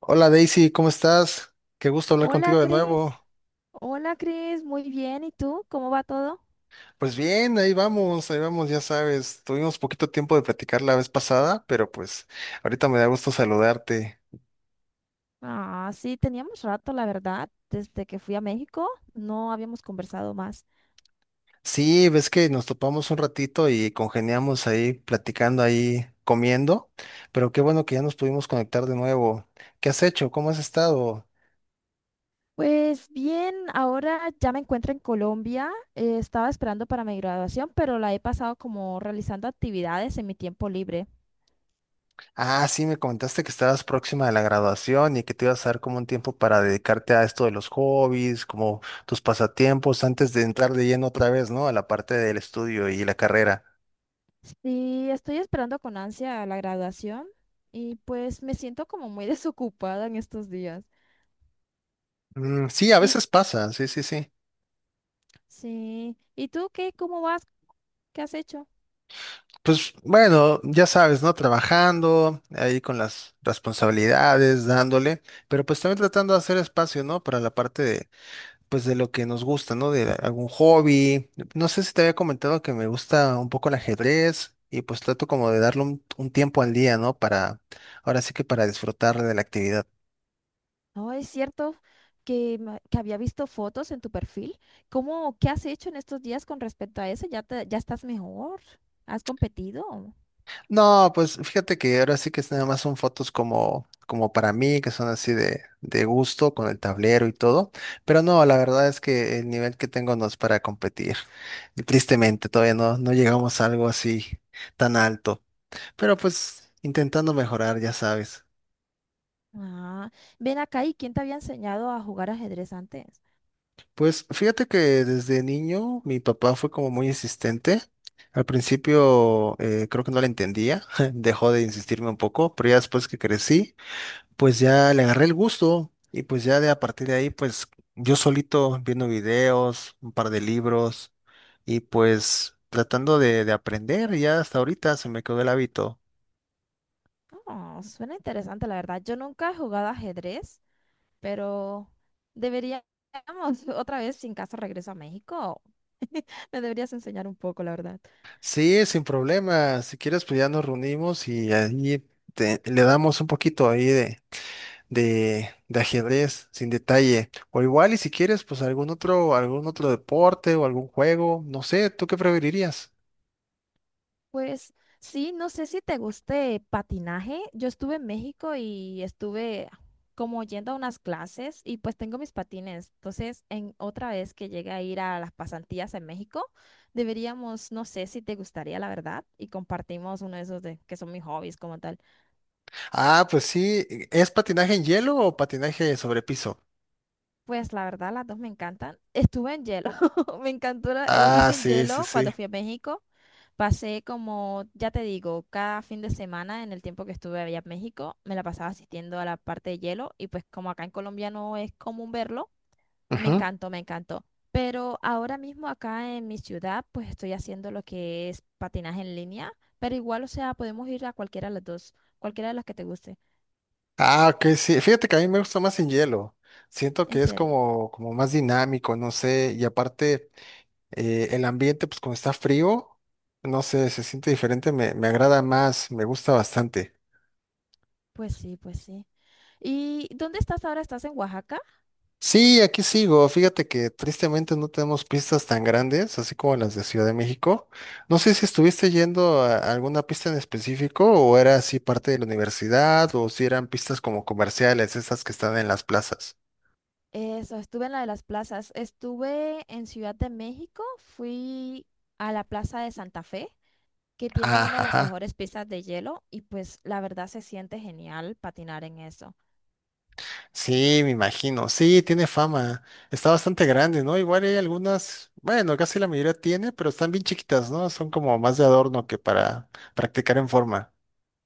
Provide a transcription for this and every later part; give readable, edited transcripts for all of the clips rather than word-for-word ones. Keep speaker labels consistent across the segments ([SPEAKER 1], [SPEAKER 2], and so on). [SPEAKER 1] Hola Daisy, ¿cómo estás? Qué gusto hablar
[SPEAKER 2] Hola,
[SPEAKER 1] contigo de nuevo.
[SPEAKER 2] Cris. Hola, Cris. Muy bien. ¿Y tú? ¿Cómo va todo?
[SPEAKER 1] Pues bien, ahí vamos, ya sabes, tuvimos poquito tiempo de platicar la vez pasada, pero pues ahorita me da gusto saludarte.
[SPEAKER 2] Ah, sí, teníamos rato, la verdad. Desde que fui a México, no habíamos conversado más.
[SPEAKER 1] Sí, ves que nos topamos un ratito y congeniamos ahí platicando ahí, comiendo, pero qué bueno que ya nos pudimos conectar de nuevo. ¿Qué has hecho? ¿Cómo has estado?
[SPEAKER 2] Pues bien, ahora ya me encuentro en Colombia. Estaba esperando para mi graduación, pero la he pasado como realizando actividades en mi tiempo libre.
[SPEAKER 1] Ah, sí, me comentaste que estabas próxima de la graduación y que te ibas a dar como un tiempo para dedicarte a esto de los hobbies, como tus pasatiempos, antes de entrar de lleno otra vez, ¿no? A la parte del estudio y la carrera.
[SPEAKER 2] Sí, estoy esperando con ansia la graduación y pues me siento como muy desocupada en estos días.
[SPEAKER 1] Mm, sí, a
[SPEAKER 2] Y
[SPEAKER 1] veces pasa, sí, sí, sí.
[SPEAKER 2] sí, ¿y tú qué? ¿Cómo vas? ¿Qué has hecho?
[SPEAKER 1] Pues bueno, ya sabes, ¿no? Trabajando ahí con las responsabilidades, dándole, pero pues también tratando de hacer espacio, ¿no? Para la parte pues de lo que nos gusta, ¿no? De algún hobby. No sé si te había comentado que me gusta un poco el ajedrez y pues trato como de darle un tiempo al día, ¿no? Para, ahora sí que para disfrutar de la actividad.
[SPEAKER 2] No, es cierto que había visto fotos en tu perfil. ¿Cómo, qué has hecho en estos días con respecto a eso? ¿Ya estás mejor? ¿Has competido?
[SPEAKER 1] No, pues fíjate que ahora sí que es nada más son fotos como, como para mí, que son así de gusto, con el tablero y todo. Pero no, la verdad es que el nivel que tengo no es para competir. Y tristemente, todavía no, no llegamos a algo así tan alto. Pero pues intentando mejorar, ya sabes.
[SPEAKER 2] Ah, ven acá, ¿y quién te había enseñado a jugar ajedrez antes?
[SPEAKER 1] Pues fíjate que desde niño mi papá fue como muy insistente. Al principio creo que no le entendía, dejó de insistirme un poco, pero ya después que crecí, pues ya le agarré el gusto y pues ya de a partir de ahí, pues yo solito viendo videos, un par de libros y pues tratando de aprender, y ya hasta ahorita se me quedó el hábito.
[SPEAKER 2] Oh, suena interesante, la verdad. Yo nunca he jugado ajedrez, pero deberíamos otra vez, sin caso regreso a México. Me deberías enseñar un poco, la verdad.
[SPEAKER 1] Sí, sin problema, si quieres pues ya nos reunimos y ahí te- le damos un poquito ahí de ajedrez, sin detalle. O igual, y si quieres, pues algún otro deporte o algún juego, no sé, ¿tú qué preferirías?
[SPEAKER 2] Pues sí, no sé si te guste patinaje. Yo estuve en México y estuve como yendo a unas clases y pues tengo mis patines. Entonces, en otra vez que llegue a ir a las pasantías en México, deberíamos, no sé si te gustaría, la verdad, y compartimos uno de esos, de que son mis hobbies como tal.
[SPEAKER 1] Ah, pues sí, ¿es patinaje en hielo o patinaje sobre piso?
[SPEAKER 2] Pues la verdad, las dos me encantan. Estuve en hielo. Me encantó,
[SPEAKER 1] Ah,
[SPEAKER 2] hice en
[SPEAKER 1] sí, sí,
[SPEAKER 2] hielo cuando
[SPEAKER 1] sí.
[SPEAKER 2] fui a México. Pasé como, ya te digo, cada fin de semana en el tiempo que estuve allá en México, me la pasaba asistiendo a la parte de hielo y pues como acá en Colombia no es común verlo, me
[SPEAKER 1] Ujú.
[SPEAKER 2] encantó, me encantó. Pero ahora mismo acá en mi ciudad, pues estoy haciendo lo que es patinaje en línea, pero igual, o sea, podemos ir a cualquiera de las dos, cualquiera de las que te guste,
[SPEAKER 1] Ah, ok, sí. Fíjate que a mí me gusta más en hielo. Siento
[SPEAKER 2] en
[SPEAKER 1] que es
[SPEAKER 2] serio.
[SPEAKER 1] como, como más dinámico, no sé. Y aparte, el ambiente, pues como está frío, no sé, se siente diferente, me agrada más, me gusta bastante.
[SPEAKER 2] Pues sí, pues sí. ¿Y dónde estás ahora? ¿Estás en Oaxaca?
[SPEAKER 1] Sí, aquí sigo. Fíjate que tristemente no tenemos pistas tan grandes, así como las de Ciudad de México. No sé si estuviste yendo a alguna pista en específico o era así parte de la universidad o si eran pistas como comerciales, esas que están en las plazas.
[SPEAKER 2] Eso, estuve en la de las plazas. Estuve en Ciudad de México, fui a la Plaza de Santa Fe, que tienen
[SPEAKER 1] Ah,
[SPEAKER 2] una de las
[SPEAKER 1] ajá.
[SPEAKER 2] mejores pistas de hielo y pues la verdad se siente genial patinar en eso.
[SPEAKER 1] Sí, me imagino. Sí, tiene fama. Está bastante grande, ¿no? Igual hay algunas, bueno, casi la mayoría tiene, pero están bien chiquitas, ¿no? Son como más de adorno que para practicar en forma.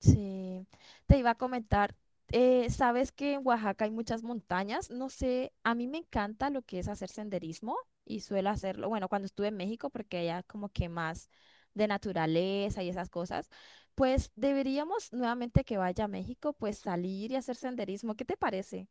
[SPEAKER 2] Sí, te iba a comentar, sabes que en Oaxaca hay muchas montañas, no sé, a mí me encanta lo que es hacer senderismo y suelo hacerlo, bueno, cuando estuve en México, porque allá como que más de naturaleza y esas cosas, pues deberíamos nuevamente que vaya a México, pues salir y hacer senderismo, ¿qué te parece?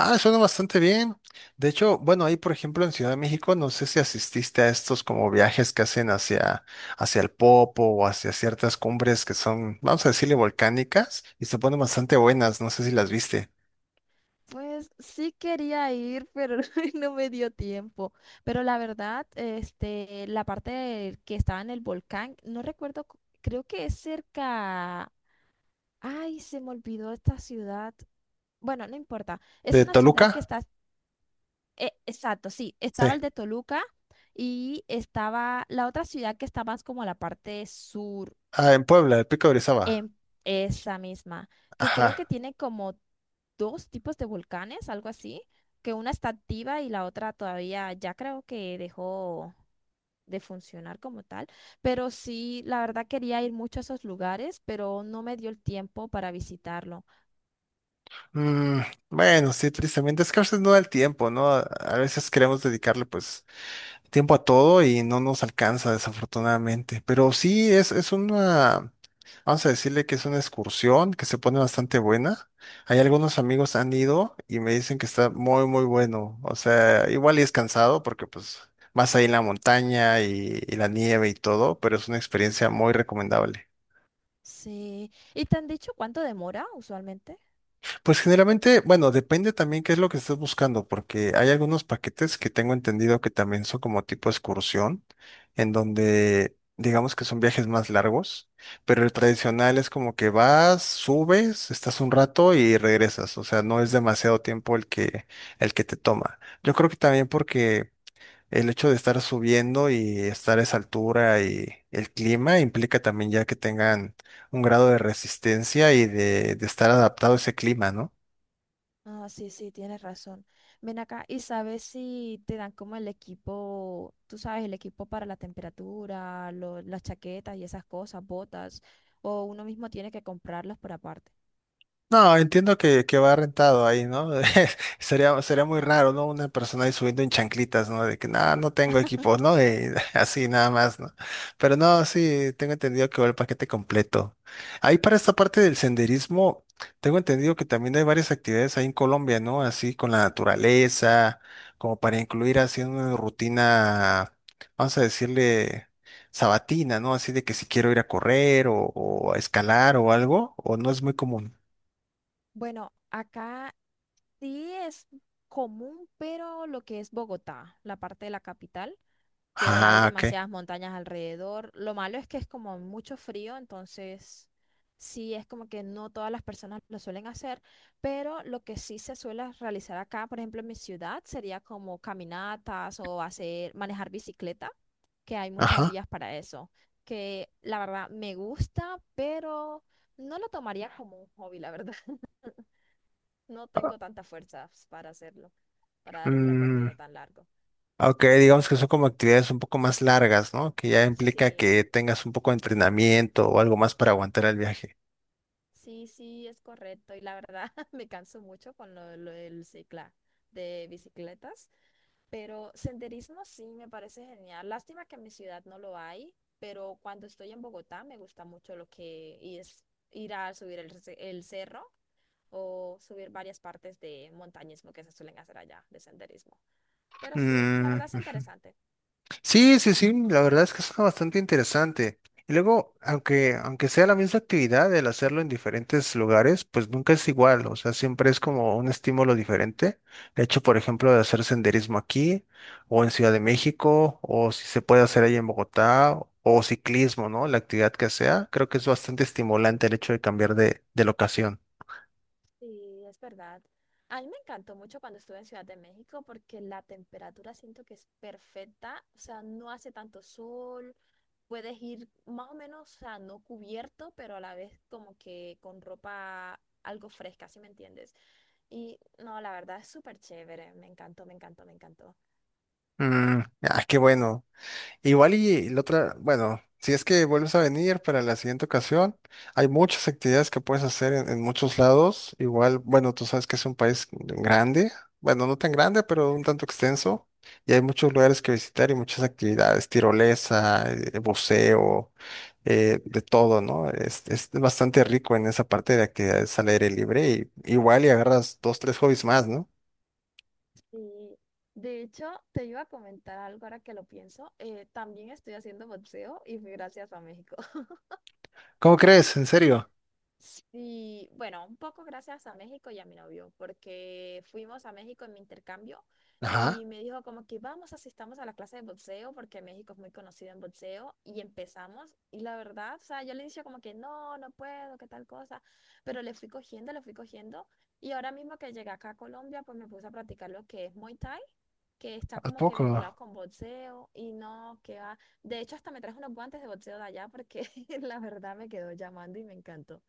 [SPEAKER 1] Ah, suena bastante bien. De hecho, bueno, ahí por ejemplo en Ciudad de México, no sé si asististe a estos como viajes que hacen hacia, hacia el Popo o hacia ciertas cumbres que son, vamos a decirle, volcánicas y se ponen bastante buenas, no sé si las viste.
[SPEAKER 2] Pues sí quería ir, pero no me dio tiempo. Pero la verdad, la parte que estaba en el volcán, no recuerdo, creo que es cerca. Ay, se me olvidó esta ciudad. Bueno, no importa. Es
[SPEAKER 1] ¿De
[SPEAKER 2] una ciudad que
[SPEAKER 1] Toluca?
[SPEAKER 2] está, exacto, sí,
[SPEAKER 1] Sí.
[SPEAKER 2] estaba el de Toluca y estaba la otra ciudad que está más como a la parte sur,
[SPEAKER 1] Ah, en Puebla, el Pico de Orizaba.
[SPEAKER 2] en esa misma, que creo que
[SPEAKER 1] Ajá.
[SPEAKER 2] tiene como dos tipos de volcanes, algo así, que una está activa y la otra todavía ya creo que dejó de funcionar como tal, pero sí, la verdad quería ir mucho a esos lugares, pero no me dio el tiempo para visitarlo.
[SPEAKER 1] Mm, bueno, sí, tristemente, es que a veces no da el tiempo, ¿no? A veces queremos dedicarle pues tiempo a todo y no nos alcanza, desafortunadamente. Pero sí, es una... Vamos a decirle que es una excursión que se pone bastante buena. Hay algunos amigos han ido y me dicen que está muy, muy bueno. O sea, igual y es cansado porque pues más ahí en la montaña y la nieve y todo, pero es una experiencia muy recomendable.
[SPEAKER 2] Sí. ¿Y te han dicho cuánto demora usualmente?
[SPEAKER 1] Pues generalmente, bueno, depende también qué es lo que estés buscando, porque hay algunos paquetes que tengo entendido que también son como tipo excursión, en donde digamos que son viajes más largos, pero el tradicional es como que vas, subes, estás un rato y regresas, o sea, no es demasiado tiempo el que te toma. Yo creo que también porque el hecho de estar subiendo y estar a esa altura y el clima implica también ya que tengan un grado de resistencia y de estar adaptado a ese clima, ¿no?
[SPEAKER 2] Ah, sí, sí, tienes razón. Ven acá y sabes si te dan como el equipo, tú sabes, el equipo para la temperatura, las chaquetas y esas cosas, botas, o uno mismo tiene que comprarlas por aparte.
[SPEAKER 1] No, entiendo que va rentado ahí, ¿no? Sería, sería muy
[SPEAKER 2] Ah.
[SPEAKER 1] raro, ¿no? Una persona ahí subiendo en chanclitas, ¿no? De que nada, no tengo equipo, ¿no? Y así nada más, ¿no? Pero no, sí, tengo entendido que va el paquete completo. Ahí para esta parte del senderismo, tengo entendido que también hay varias actividades ahí en Colombia, ¿no? Así con la naturaleza, como para incluir así una rutina, vamos a decirle, sabatina, ¿no? Así de que si quiero ir a correr o a escalar o algo, o no es muy común.
[SPEAKER 2] Bueno, acá sí es común, pero lo que es Bogotá, la parte de la capital, que hay
[SPEAKER 1] Ah, ok.
[SPEAKER 2] demasiadas montañas alrededor. Lo malo es que es como mucho frío, entonces sí es como que no todas las personas lo suelen hacer, pero lo que sí se suele realizar acá, por ejemplo, en mi ciudad, sería como caminatas o hacer, manejar bicicleta, que hay muchas
[SPEAKER 1] Ajá.
[SPEAKER 2] vías para eso, que la verdad me gusta, pero no lo tomaría como un hobby, la verdad. No
[SPEAKER 1] Ah,
[SPEAKER 2] tengo tantas fuerzas para hacerlo, para dar un
[SPEAKER 1] mm,
[SPEAKER 2] recorrido tan largo.
[SPEAKER 1] ok, digamos que son como actividades un poco más largas, ¿no? Que ya implica
[SPEAKER 2] Sí.
[SPEAKER 1] que tengas un poco de entrenamiento o algo más para aguantar el viaje.
[SPEAKER 2] Sí, sí, es correcto. Y la verdad me canso mucho con lo del cicla de bicicletas, pero senderismo sí me parece genial. Lástima que en mi ciudad no lo hay, pero cuando estoy en Bogotá me gusta mucho lo que es ir a subir el, el cerro o subir varias partes de montañismo que se suelen hacer allá, de senderismo. Pero sí, la
[SPEAKER 1] Mm,
[SPEAKER 2] verdad es
[SPEAKER 1] ujú.
[SPEAKER 2] interesante.
[SPEAKER 1] Sí, sí, sí, la verdad es que es bastante interesante. Y luego, aunque sea la misma actividad, el hacerlo en diferentes lugares, pues nunca es igual, o sea, siempre es como un estímulo diferente. El hecho, por ejemplo, de hacer senderismo aquí, o en Ciudad de México, o si se puede hacer ahí en Bogotá, o ciclismo, ¿no? La actividad que sea, creo que es bastante estimulante el hecho de cambiar de locación.
[SPEAKER 2] Sí, es verdad. A mí me encantó mucho cuando estuve en Ciudad de México porque la temperatura siento que es perfecta, o sea, no hace tanto sol, puedes ir más o menos, o sea, no cubierto, pero a la vez como que con ropa algo fresca, ¿si me entiendes? Y no, la verdad es súper chévere, me encantó, me encantó, me encantó.
[SPEAKER 1] Mm, ah, qué bueno. Igual y la otra, bueno, si es que vuelves a venir para la siguiente ocasión, hay muchas actividades que puedes hacer en muchos lados. Igual, bueno, tú sabes que es un país grande, bueno, no tan grande, pero un tanto extenso. Y hay muchos lugares que visitar y muchas actividades, tirolesa, buceo, de todo, ¿no? Es bastante rico en esa parte de actividades al aire libre y igual y agarras dos, tres hobbies más, ¿no?
[SPEAKER 2] Sí, de hecho, te iba a comentar algo ahora que lo pienso, también estoy haciendo boxeo y fue gracias a México.
[SPEAKER 1] ¿Cómo crees? ¿En serio?
[SPEAKER 2] Sí, bueno, un poco gracias a México y a mi novio, porque fuimos a México en mi intercambio
[SPEAKER 1] Ajá,
[SPEAKER 2] y me dijo como que vamos, asistamos a la clase de boxeo, porque México es muy conocido en boxeo, y empezamos, y la verdad, o sea, yo le decía como que no, no puedo, qué tal cosa, pero le fui cogiendo, y ahora mismo que llegué acá a Colombia, pues me puse a practicar lo que es Muay Thai, que está
[SPEAKER 1] ¿a
[SPEAKER 2] como que
[SPEAKER 1] poco?
[SPEAKER 2] vinculado con boxeo, y no, que va, de hecho hasta me traje unos guantes de boxeo de allá, porque la verdad me quedó llamando y me encantó.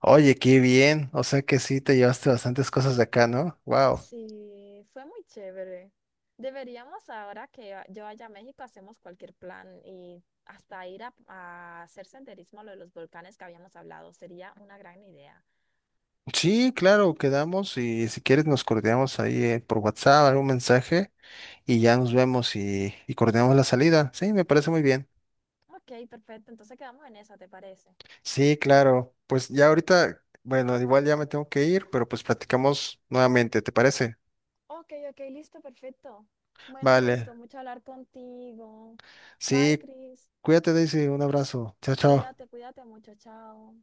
[SPEAKER 1] Oye, qué bien. O sea que sí te llevaste bastantes cosas de acá, ¿no? Wow.
[SPEAKER 2] Sí, fue muy chévere. Deberíamos ahora que yo vaya a México, hacemos cualquier plan y hasta ir a hacer senderismo a lo de los volcanes que habíamos hablado. Sería una gran idea.
[SPEAKER 1] Sí, claro, quedamos y si quieres nos coordinamos ahí por WhatsApp, algún mensaje y ya nos vemos y coordinamos la salida. Sí, me parece muy bien.
[SPEAKER 2] Ok, perfecto. Entonces quedamos en eso, ¿te parece?
[SPEAKER 1] Sí, claro. Pues ya ahorita, bueno, igual ya me tengo que ir, pero pues platicamos nuevamente, ¿te parece?
[SPEAKER 2] Ok, ok, listo, perfecto. Bueno, me gustó
[SPEAKER 1] Vale.
[SPEAKER 2] mucho hablar contigo. Bye,
[SPEAKER 1] Sí,
[SPEAKER 2] Chris.
[SPEAKER 1] cuídate, Daisy. Un abrazo. Chao, chao.
[SPEAKER 2] Cuídate, cuídate mucho. Chao.